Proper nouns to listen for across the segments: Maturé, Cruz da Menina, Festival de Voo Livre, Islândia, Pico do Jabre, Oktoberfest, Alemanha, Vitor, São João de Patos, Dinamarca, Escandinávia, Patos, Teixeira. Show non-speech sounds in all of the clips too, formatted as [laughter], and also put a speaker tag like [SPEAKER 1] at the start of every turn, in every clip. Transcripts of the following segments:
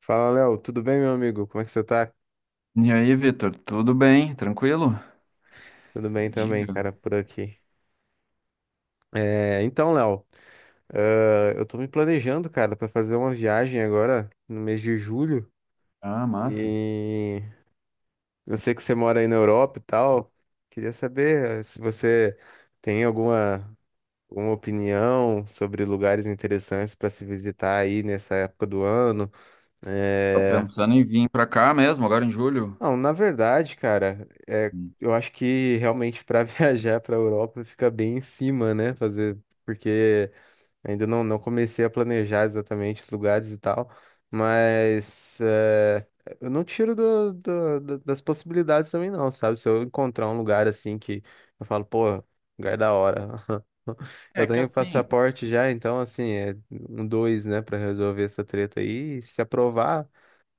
[SPEAKER 1] Fala, Léo, tudo bem, meu amigo? Como é que você tá?
[SPEAKER 2] E aí, Vitor, tudo bem? Tranquilo?
[SPEAKER 1] Tudo bem também,
[SPEAKER 2] Diga.
[SPEAKER 1] cara, por aqui. É, então, Léo, ah, eu tô me planejando, cara, pra fazer uma viagem agora no mês de julho
[SPEAKER 2] Ah, massa.
[SPEAKER 1] e eu sei que você mora aí na Europa e tal. Queria saber se você tem alguma opinião sobre lugares interessantes pra se visitar aí nessa época do ano.
[SPEAKER 2] Tá
[SPEAKER 1] É,
[SPEAKER 2] pensando em vir pra cá mesmo, agora em julho?
[SPEAKER 1] não, na verdade, cara, é,
[SPEAKER 2] Hum.
[SPEAKER 1] eu acho que realmente para [laughs] viajar para a Europa fica bem em cima, né? Fazer, porque ainda não comecei a planejar exatamente os lugares e tal, mas é, eu não tiro das possibilidades também, não, sabe? Se eu encontrar um lugar assim que eu falo, pô, lugar é da hora. [laughs] Eu
[SPEAKER 2] É que
[SPEAKER 1] tenho
[SPEAKER 2] assim,
[SPEAKER 1] passaporte já, então assim, é um dois, né, para resolver essa treta aí. E se aprovar,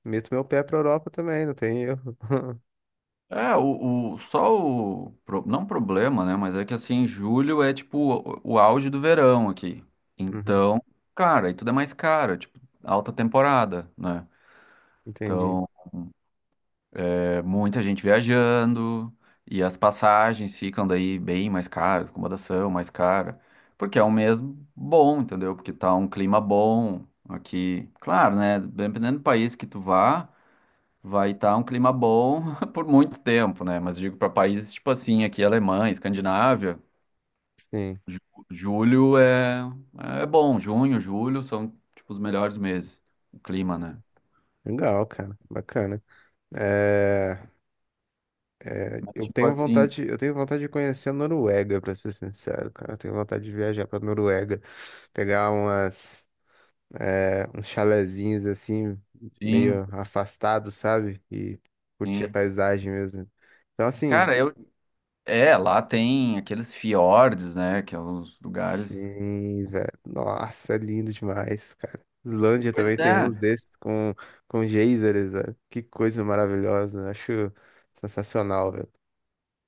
[SPEAKER 1] meto meu pé para Europa também, não tem erro.
[SPEAKER 2] é só o não problema, né? Mas é que assim, julho é tipo o auge do verão aqui.
[SPEAKER 1] Uhum.
[SPEAKER 2] Então, cara, e tudo é mais caro, tipo, alta temporada, né?
[SPEAKER 1] Entendi.
[SPEAKER 2] Então. É muita gente viajando e as passagens ficam daí bem mais caras, acomodação mais cara, porque é um mês bom, entendeu? Porque tá um clima bom aqui. Claro, né? Dependendo do país que tu vá, vai estar um clima bom [laughs] por muito tempo, né? Mas digo para países tipo assim, aqui Alemanha, Escandinávia,
[SPEAKER 1] Sim.
[SPEAKER 2] ju- julho é bom, junho, julho são tipo os melhores meses, o clima, né?
[SPEAKER 1] Legal, cara. Bacana. É,
[SPEAKER 2] Mas tipo assim,
[SPEAKER 1] eu tenho vontade de conhecer a Noruega, pra ser sincero, cara. Eu tenho vontade de viajar pra Noruega, pegar umas, é, uns chalezinhos assim,
[SPEAKER 2] sim,
[SPEAKER 1] meio afastados, sabe? E curtir a
[SPEAKER 2] sim.
[SPEAKER 1] paisagem mesmo. Então, assim,
[SPEAKER 2] Cara, eu é, lá tem aqueles fiordes, né? Que é os lugares.
[SPEAKER 1] sim, velho. Nossa, é lindo demais, cara. Islândia
[SPEAKER 2] Pois
[SPEAKER 1] também tem uns
[SPEAKER 2] é.
[SPEAKER 1] desses com geysers, velho. Que coisa maravilhosa. Eu acho sensacional, velho.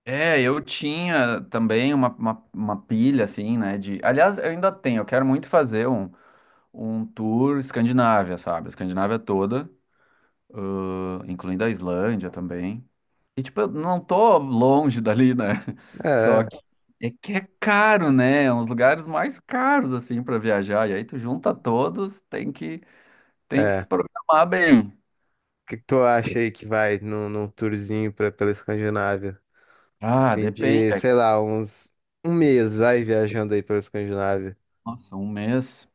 [SPEAKER 2] É, eu tinha também uma pilha, assim, né? De... Aliás, eu ainda tenho, eu quero muito fazer um tour Escandinávia, sabe? A Escandinávia toda, incluindo a Islândia também. E, tipo, eu não tô longe dali, né? [laughs] Só
[SPEAKER 1] É,
[SPEAKER 2] que é caro, né? É um dos lugares mais caros, assim, pra viajar. E aí tu junta todos, tem que
[SPEAKER 1] é.
[SPEAKER 2] se
[SPEAKER 1] O
[SPEAKER 2] programar bem.
[SPEAKER 1] que que tu acha aí que vai num, num tourzinho pra, pela Escandinávia?
[SPEAKER 2] Ah,
[SPEAKER 1] Assim, de, sei
[SPEAKER 2] depende.
[SPEAKER 1] lá, uns. Um mês vai viajando aí pela Escandinávia.
[SPEAKER 2] Nossa, um mês.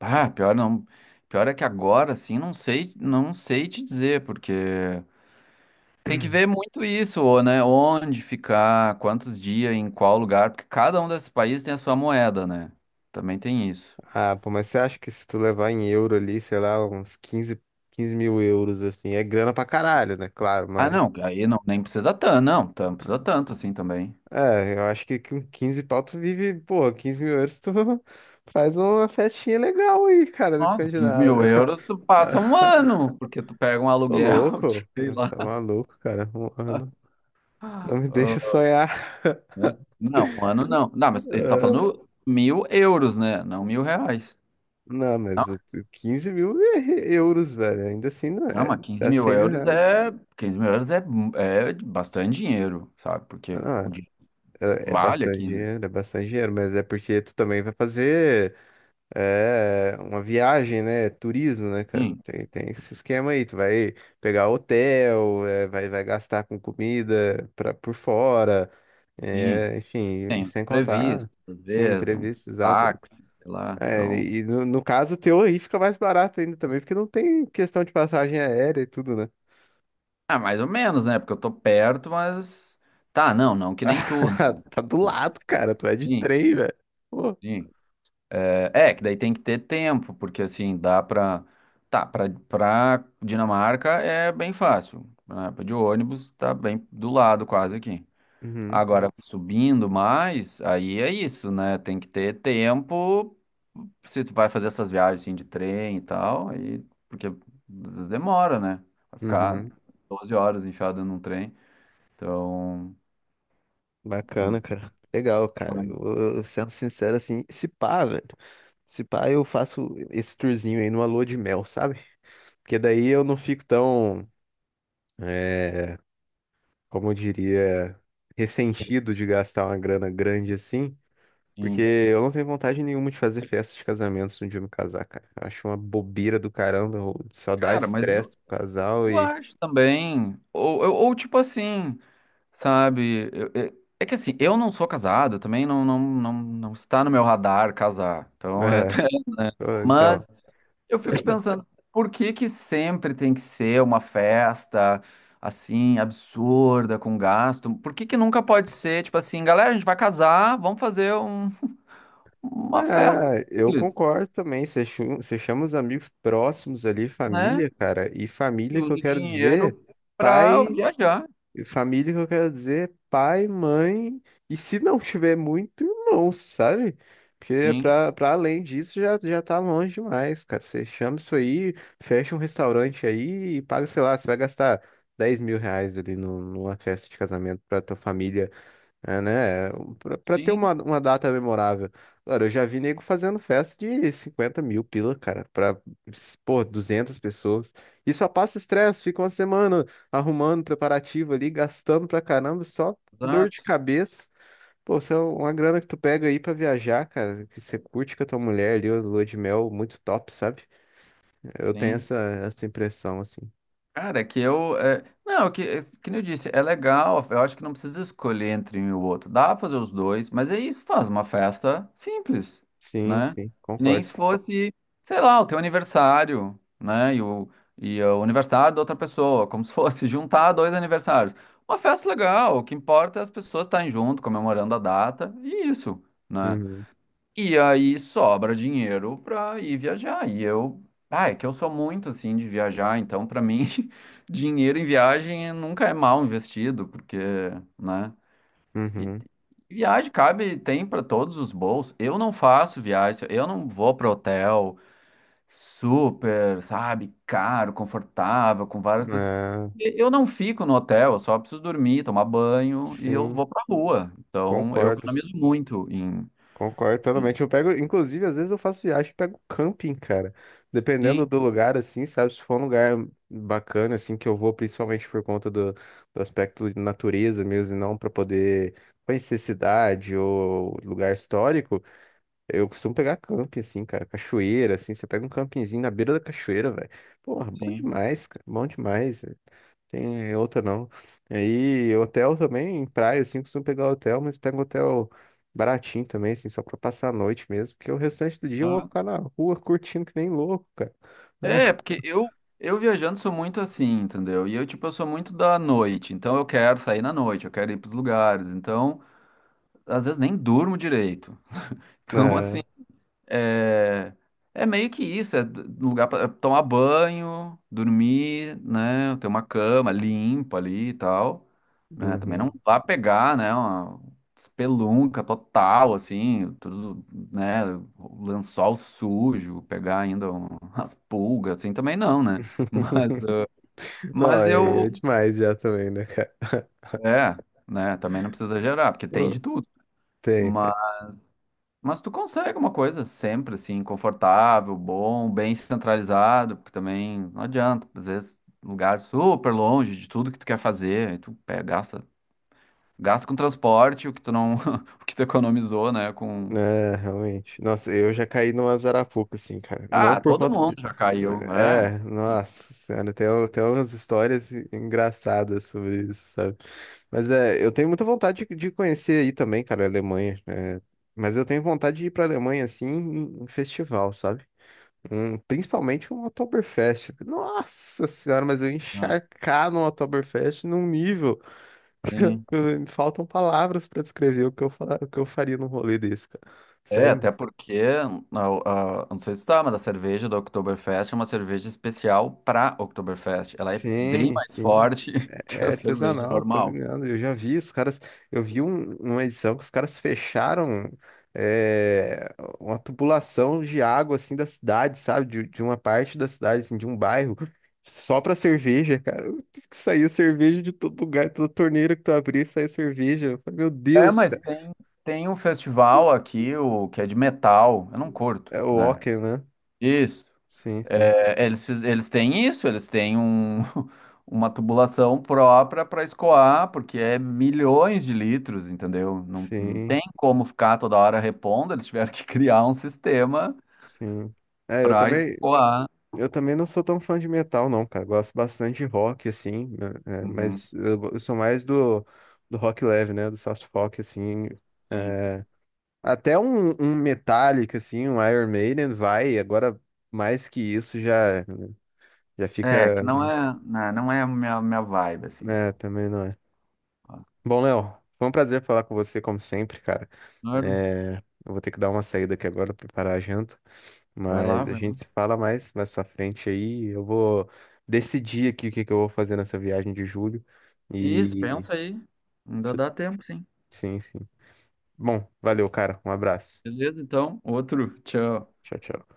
[SPEAKER 2] Ah, pior não. Pior é que agora, assim, não sei te dizer, porque tem que ver muito isso, ou né? Onde ficar, quantos dias, em qual lugar, porque cada um desses países tem a sua moeda, né? Também tem isso.
[SPEAKER 1] Ah, pô, mas você acha que se tu levar em euro ali, sei lá, uns 15, 15 mil euros, assim, é grana pra caralho, né? Claro,
[SPEAKER 2] Ah, não,
[SPEAKER 1] mas.
[SPEAKER 2] aí não, nem precisa tanto, não, precisa tanto assim também.
[SPEAKER 1] É, eu acho que com 15 pau tu vive, pô, 15 mil euros tu [laughs] faz uma festinha legal aí, cara, na
[SPEAKER 2] Nossa, 15
[SPEAKER 1] Escandinávia.
[SPEAKER 2] mil euros, tu passa um
[SPEAKER 1] [laughs]
[SPEAKER 2] ano, porque tu pega um
[SPEAKER 1] Ô,
[SPEAKER 2] aluguel, [laughs] de,
[SPEAKER 1] louco,
[SPEAKER 2] sei lá.
[SPEAKER 1] tá maluco, cara. Um ano. Não
[SPEAKER 2] Ah,
[SPEAKER 1] me deixa sonhar.
[SPEAKER 2] né? Não, um ano não. Não, mas ele tá
[SPEAKER 1] [laughs]
[SPEAKER 2] falando mil euros, né? Não mil reais.
[SPEAKER 1] Não,
[SPEAKER 2] Não,
[SPEAKER 1] mas eu- 15 mil é euros, velho. Ainda assim, não
[SPEAKER 2] não,
[SPEAKER 1] é.
[SPEAKER 2] mas
[SPEAKER 1] Dá 100 mil reais.
[SPEAKER 2] 15 mil euros é bastante dinheiro, sabe? Porque
[SPEAKER 1] Ah, não,
[SPEAKER 2] o dinheiro
[SPEAKER 1] é, é
[SPEAKER 2] vale
[SPEAKER 1] bastante
[SPEAKER 2] aqui, né?
[SPEAKER 1] dinheiro, é bastante dinheiro, mas é porque tu também vai fazer é, uma viagem, né? Turismo, né, cara?
[SPEAKER 2] Sim,
[SPEAKER 1] Tem, tem esse esquema aí. Tu vai pegar hotel, é, vai gastar com comida pra, por fora,
[SPEAKER 2] sim.
[SPEAKER 1] é, enfim, e
[SPEAKER 2] Tem os
[SPEAKER 1] sem contar,
[SPEAKER 2] previstos, às
[SPEAKER 1] sim,
[SPEAKER 2] vezes, um
[SPEAKER 1] imprevisto, exato.
[SPEAKER 2] táxi, sei lá.
[SPEAKER 1] É,
[SPEAKER 2] Então,
[SPEAKER 1] e no caso teu aí fica mais barato ainda também, porque não tem questão de passagem aérea e tudo, né?
[SPEAKER 2] mais ou menos, né? Porque eu tô perto, mas tá, não, não que nem tudo.
[SPEAKER 1] [laughs] Tá do lado, cara. Tu é de
[SPEAKER 2] Sim,
[SPEAKER 1] trem, velho. Pô.
[SPEAKER 2] sim. É, é, que daí tem que ter tempo, porque assim, dá pra. Tá, pra Dinamarca é bem fácil. Né? De ônibus tá bem do lado quase aqui.
[SPEAKER 1] Uhum,
[SPEAKER 2] Agora, subindo mais, aí é isso, né? Tem que ter tempo se tu vai fazer essas viagens assim, de trem e tal, aí, porque às vezes demora, né? Vai ficar
[SPEAKER 1] uhum.
[SPEAKER 2] 12 horas enfiado num trem. Então,
[SPEAKER 1] Bacana, cara. Legal, cara.
[SPEAKER 2] mas,
[SPEAKER 1] Eu sendo sincero, assim, se pá, velho. Se pá, eu faço esse tourzinho aí numa lua de mel, sabe? Porque daí eu não fico tão, é, como eu diria, ressentido de gastar uma grana grande assim. Porque
[SPEAKER 2] sim.
[SPEAKER 1] eu não tenho vontade nenhuma de fazer festa de casamento se um dia eu me casar, cara. Eu acho uma bobeira do caramba. Só dá
[SPEAKER 2] Cara, mas eu,
[SPEAKER 1] estresse pro casal
[SPEAKER 2] eu
[SPEAKER 1] e.
[SPEAKER 2] acho também. Tipo assim, sabe? É que assim, eu não sou casado, também não, não, não, não está no meu radar casar.
[SPEAKER 1] [laughs]
[SPEAKER 2] Então,
[SPEAKER 1] É,
[SPEAKER 2] [laughs]
[SPEAKER 1] então.
[SPEAKER 2] mas eu fico pensando, por que que sempre tem que ser uma festa assim, absurda, com gasto? Por que que nunca pode ser, tipo assim, galera, a gente vai casar, vamos fazer uma festa
[SPEAKER 1] Ah, eu
[SPEAKER 2] simples,
[SPEAKER 1] concordo também. Você chama os amigos próximos ali,
[SPEAKER 2] né?
[SPEAKER 1] família, cara. E
[SPEAKER 2] E
[SPEAKER 1] família que eu
[SPEAKER 2] usa o
[SPEAKER 1] quero dizer,
[SPEAKER 2] dinheiro para
[SPEAKER 1] pai,
[SPEAKER 2] viajar.
[SPEAKER 1] família que eu quero dizer, pai, mãe. E se não tiver muito, irmão, sabe? Porque
[SPEAKER 2] Sim,
[SPEAKER 1] pra além disso já, já tá longe demais, cara. Você chama isso aí, fecha um restaurante aí e paga, sei lá, você vai gastar 10 mil reais ali numa festa de casamento pra tua família. É, né? Pra ter
[SPEAKER 2] sim,
[SPEAKER 1] uma data memorável. Cara, eu já vi nego fazendo festa de 50 mil pila, cara, pra, pô, 200 pessoas. E só passa estresse, fica uma semana arrumando preparativo ali, gastando pra caramba, só dor de
[SPEAKER 2] exato,
[SPEAKER 1] cabeça. Pô, isso é uma grana que tu pega aí pra viajar, cara, que você curte com a tua mulher ali, a lua de mel, muito top, sabe? Eu tenho
[SPEAKER 2] sim.
[SPEAKER 1] essa impressão, assim.
[SPEAKER 2] Cara, não, que nem eu disse, é legal. Eu acho que não precisa escolher entre um e o outro. Dá pra fazer os dois, mas é isso, faz uma festa simples,
[SPEAKER 1] Sim,
[SPEAKER 2] né?
[SPEAKER 1] sim,
[SPEAKER 2] Nem
[SPEAKER 1] concordo.
[SPEAKER 2] se fosse, sei lá, o teu aniversário, né? E o aniversário da outra pessoa, como se fosse [laughs] juntar dois aniversários. Uma festa legal, o que importa é as pessoas estarem junto, comemorando a data, e isso, né?
[SPEAKER 1] Uhum,
[SPEAKER 2] E aí sobra dinheiro pra ir viajar. É que eu sou muito assim de viajar, então pra mim [laughs] dinheiro em viagem nunca é mal investido, porque, né? E
[SPEAKER 1] uhum.
[SPEAKER 2] e viagem cabe, tem pra todos os bolsos. Eu não faço viagem, eu não vou para hotel super, sabe, caro, confortável, com várias coisas.
[SPEAKER 1] É,
[SPEAKER 2] E eu não fico no hotel, eu só preciso dormir, tomar banho e eu
[SPEAKER 1] sim,
[SPEAKER 2] vou pra rua. Então, eu
[SPEAKER 1] concordo.
[SPEAKER 2] economizo muito em.
[SPEAKER 1] Concordo totalmente. Eu pego, inclusive, às vezes eu faço viagem e pego camping, cara. Dependendo
[SPEAKER 2] Sim,
[SPEAKER 1] do lugar, assim, sabe? Se for um lugar bacana, assim, que eu vou, principalmente por conta do aspecto de natureza mesmo, e não para poder conhecer cidade ou lugar histórico, eu costumo pegar camping, assim, cara. Cachoeira, assim, você pega um campinzinho na beira da cachoeira, velho. Porra, bom
[SPEAKER 2] sim.
[SPEAKER 1] demais, cara. Bom demais. Tem outra não. Aí, hotel também, em praia, assim, costumo pegar hotel, mas pego hotel baratinho também, assim, só pra passar a noite mesmo, porque o restante do dia eu vou
[SPEAKER 2] Tá.
[SPEAKER 1] ficar na rua curtindo que nem louco, cara.
[SPEAKER 2] É,
[SPEAKER 1] [laughs]
[SPEAKER 2] porque eu viajando sou muito assim, entendeu? Tipo, eu sou muito da noite, então eu quero sair na noite, eu quero ir pros lugares, então às vezes nem durmo direito. [laughs] Então, assim.
[SPEAKER 1] É,
[SPEAKER 2] É, é meio que isso, é lugar para tomar banho, dormir, né? Ter uma cama limpa ali e tal, né? Também não
[SPEAKER 1] uhum.
[SPEAKER 2] vá pegar, né? Uma espelunca total, assim, tudo, né? Lençol sujo, pegar ainda [laughs] umas pulgas, assim, também não, né? Mas,
[SPEAKER 1] [laughs] Não,
[SPEAKER 2] mas
[SPEAKER 1] é,
[SPEAKER 2] eu,
[SPEAKER 1] é demais já também, né, cara? [laughs]
[SPEAKER 2] é, né? Também não precisa exagerar, porque tem
[SPEAKER 1] Pô,
[SPEAKER 2] de tudo.
[SPEAKER 1] tem, tem.
[SPEAKER 2] Mas tu consegue uma coisa sempre, assim, confortável, bom, bem centralizado, porque também não adianta, às vezes, lugar super longe de tudo que tu quer fazer, aí tu pega, gasta, com transporte, o que tu não, [laughs] o que tu economizou, né, com...
[SPEAKER 1] É, realmente. Nossa, eu já caí numa Zarapuca, assim, cara. Não
[SPEAKER 2] Ah,
[SPEAKER 1] por
[SPEAKER 2] todo
[SPEAKER 1] conta
[SPEAKER 2] mundo
[SPEAKER 1] de.
[SPEAKER 2] já caiu, é.
[SPEAKER 1] É, nossa senhora, tem, tem umas histórias engraçadas sobre isso, sabe? Mas é, eu tenho muita vontade de conhecer aí também, cara, a Alemanha. É. Mas eu tenho vontade de ir pra Alemanha, assim, em festival, sabe? Principalmente um Oktoberfest. Nossa senhora, mas eu
[SPEAKER 2] Ah,
[SPEAKER 1] encharcar no Oktoberfest num nível.
[SPEAKER 2] sim.
[SPEAKER 1] [laughs] Faltam palavras pra descrever o que eu, o que eu faria num rolê desse, cara.
[SPEAKER 2] É,
[SPEAKER 1] Sério,
[SPEAKER 2] até
[SPEAKER 1] mano.
[SPEAKER 2] porque, não sei se tá, mas a cerveja da Oktoberfest é uma cerveja especial para Oktoberfest. Ela é bem
[SPEAKER 1] Sim,
[SPEAKER 2] mais
[SPEAKER 1] sim.
[SPEAKER 2] forte [laughs] que a
[SPEAKER 1] É
[SPEAKER 2] cerveja
[SPEAKER 1] artesanal, tô
[SPEAKER 2] normal.
[SPEAKER 1] ligado. Eu já vi os caras. Eu vi uma edição que os caras fecharam é, uma tubulação de água assim da cidade, sabe? De uma parte da cidade, assim, de um bairro, só pra cerveja, cara. Que saiu cerveja de todo lugar, toda torneira que tu abria, saiu cerveja. Eu falei, meu
[SPEAKER 2] É,
[SPEAKER 1] Deus,
[SPEAKER 2] mas
[SPEAKER 1] cara.
[SPEAKER 2] tem um festival aqui, o que é de metal. Eu não curto,
[SPEAKER 1] É o
[SPEAKER 2] né?
[SPEAKER 1] Ocken, né?
[SPEAKER 2] Isso.
[SPEAKER 1] Sim, sim,
[SPEAKER 2] É, eles, eles têm isso, eles têm [laughs] uma tubulação própria para escoar, porque é milhões de litros, entendeu? Não, não
[SPEAKER 1] sim,
[SPEAKER 2] tem como ficar toda hora repondo, eles tiveram que [laughs] criar um sistema
[SPEAKER 1] sim. É, eu
[SPEAKER 2] para
[SPEAKER 1] também.
[SPEAKER 2] escoar.
[SPEAKER 1] Eu também não sou tão fã de metal, não, cara. Gosto bastante de rock, assim, né, é,
[SPEAKER 2] Uhum,
[SPEAKER 1] mas eu sou mais do rock leve, né? Do soft rock, assim.
[SPEAKER 2] sim.
[SPEAKER 1] É. Até um, um Metallica, assim, um Iron Maiden vai. Agora, mais que isso, já, já
[SPEAKER 2] É,
[SPEAKER 1] fica.
[SPEAKER 2] que não é, né, não é a minha vibe, assim.
[SPEAKER 1] Né, também não é.
[SPEAKER 2] Ó,
[SPEAKER 1] Bom, Léo, foi um prazer falar com você, como sempre, cara.
[SPEAKER 2] claro,
[SPEAKER 1] É, eu vou ter que dar uma saída aqui agora, preparar a janta.
[SPEAKER 2] vai lá,
[SPEAKER 1] Mas a
[SPEAKER 2] vai lá.
[SPEAKER 1] gente se fala mais pra frente aí. Eu vou decidir aqui o que que eu vou fazer nessa viagem de julho.
[SPEAKER 2] Isso,
[SPEAKER 1] E.
[SPEAKER 2] pensa aí. Ainda
[SPEAKER 1] deixa eu-
[SPEAKER 2] dá tempo, sim.
[SPEAKER 1] Sim, sim. Bom, valeu, cara. Um abraço.
[SPEAKER 2] Beleza, então. Outro. Tchau.
[SPEAKER 1] Tchau, tchau.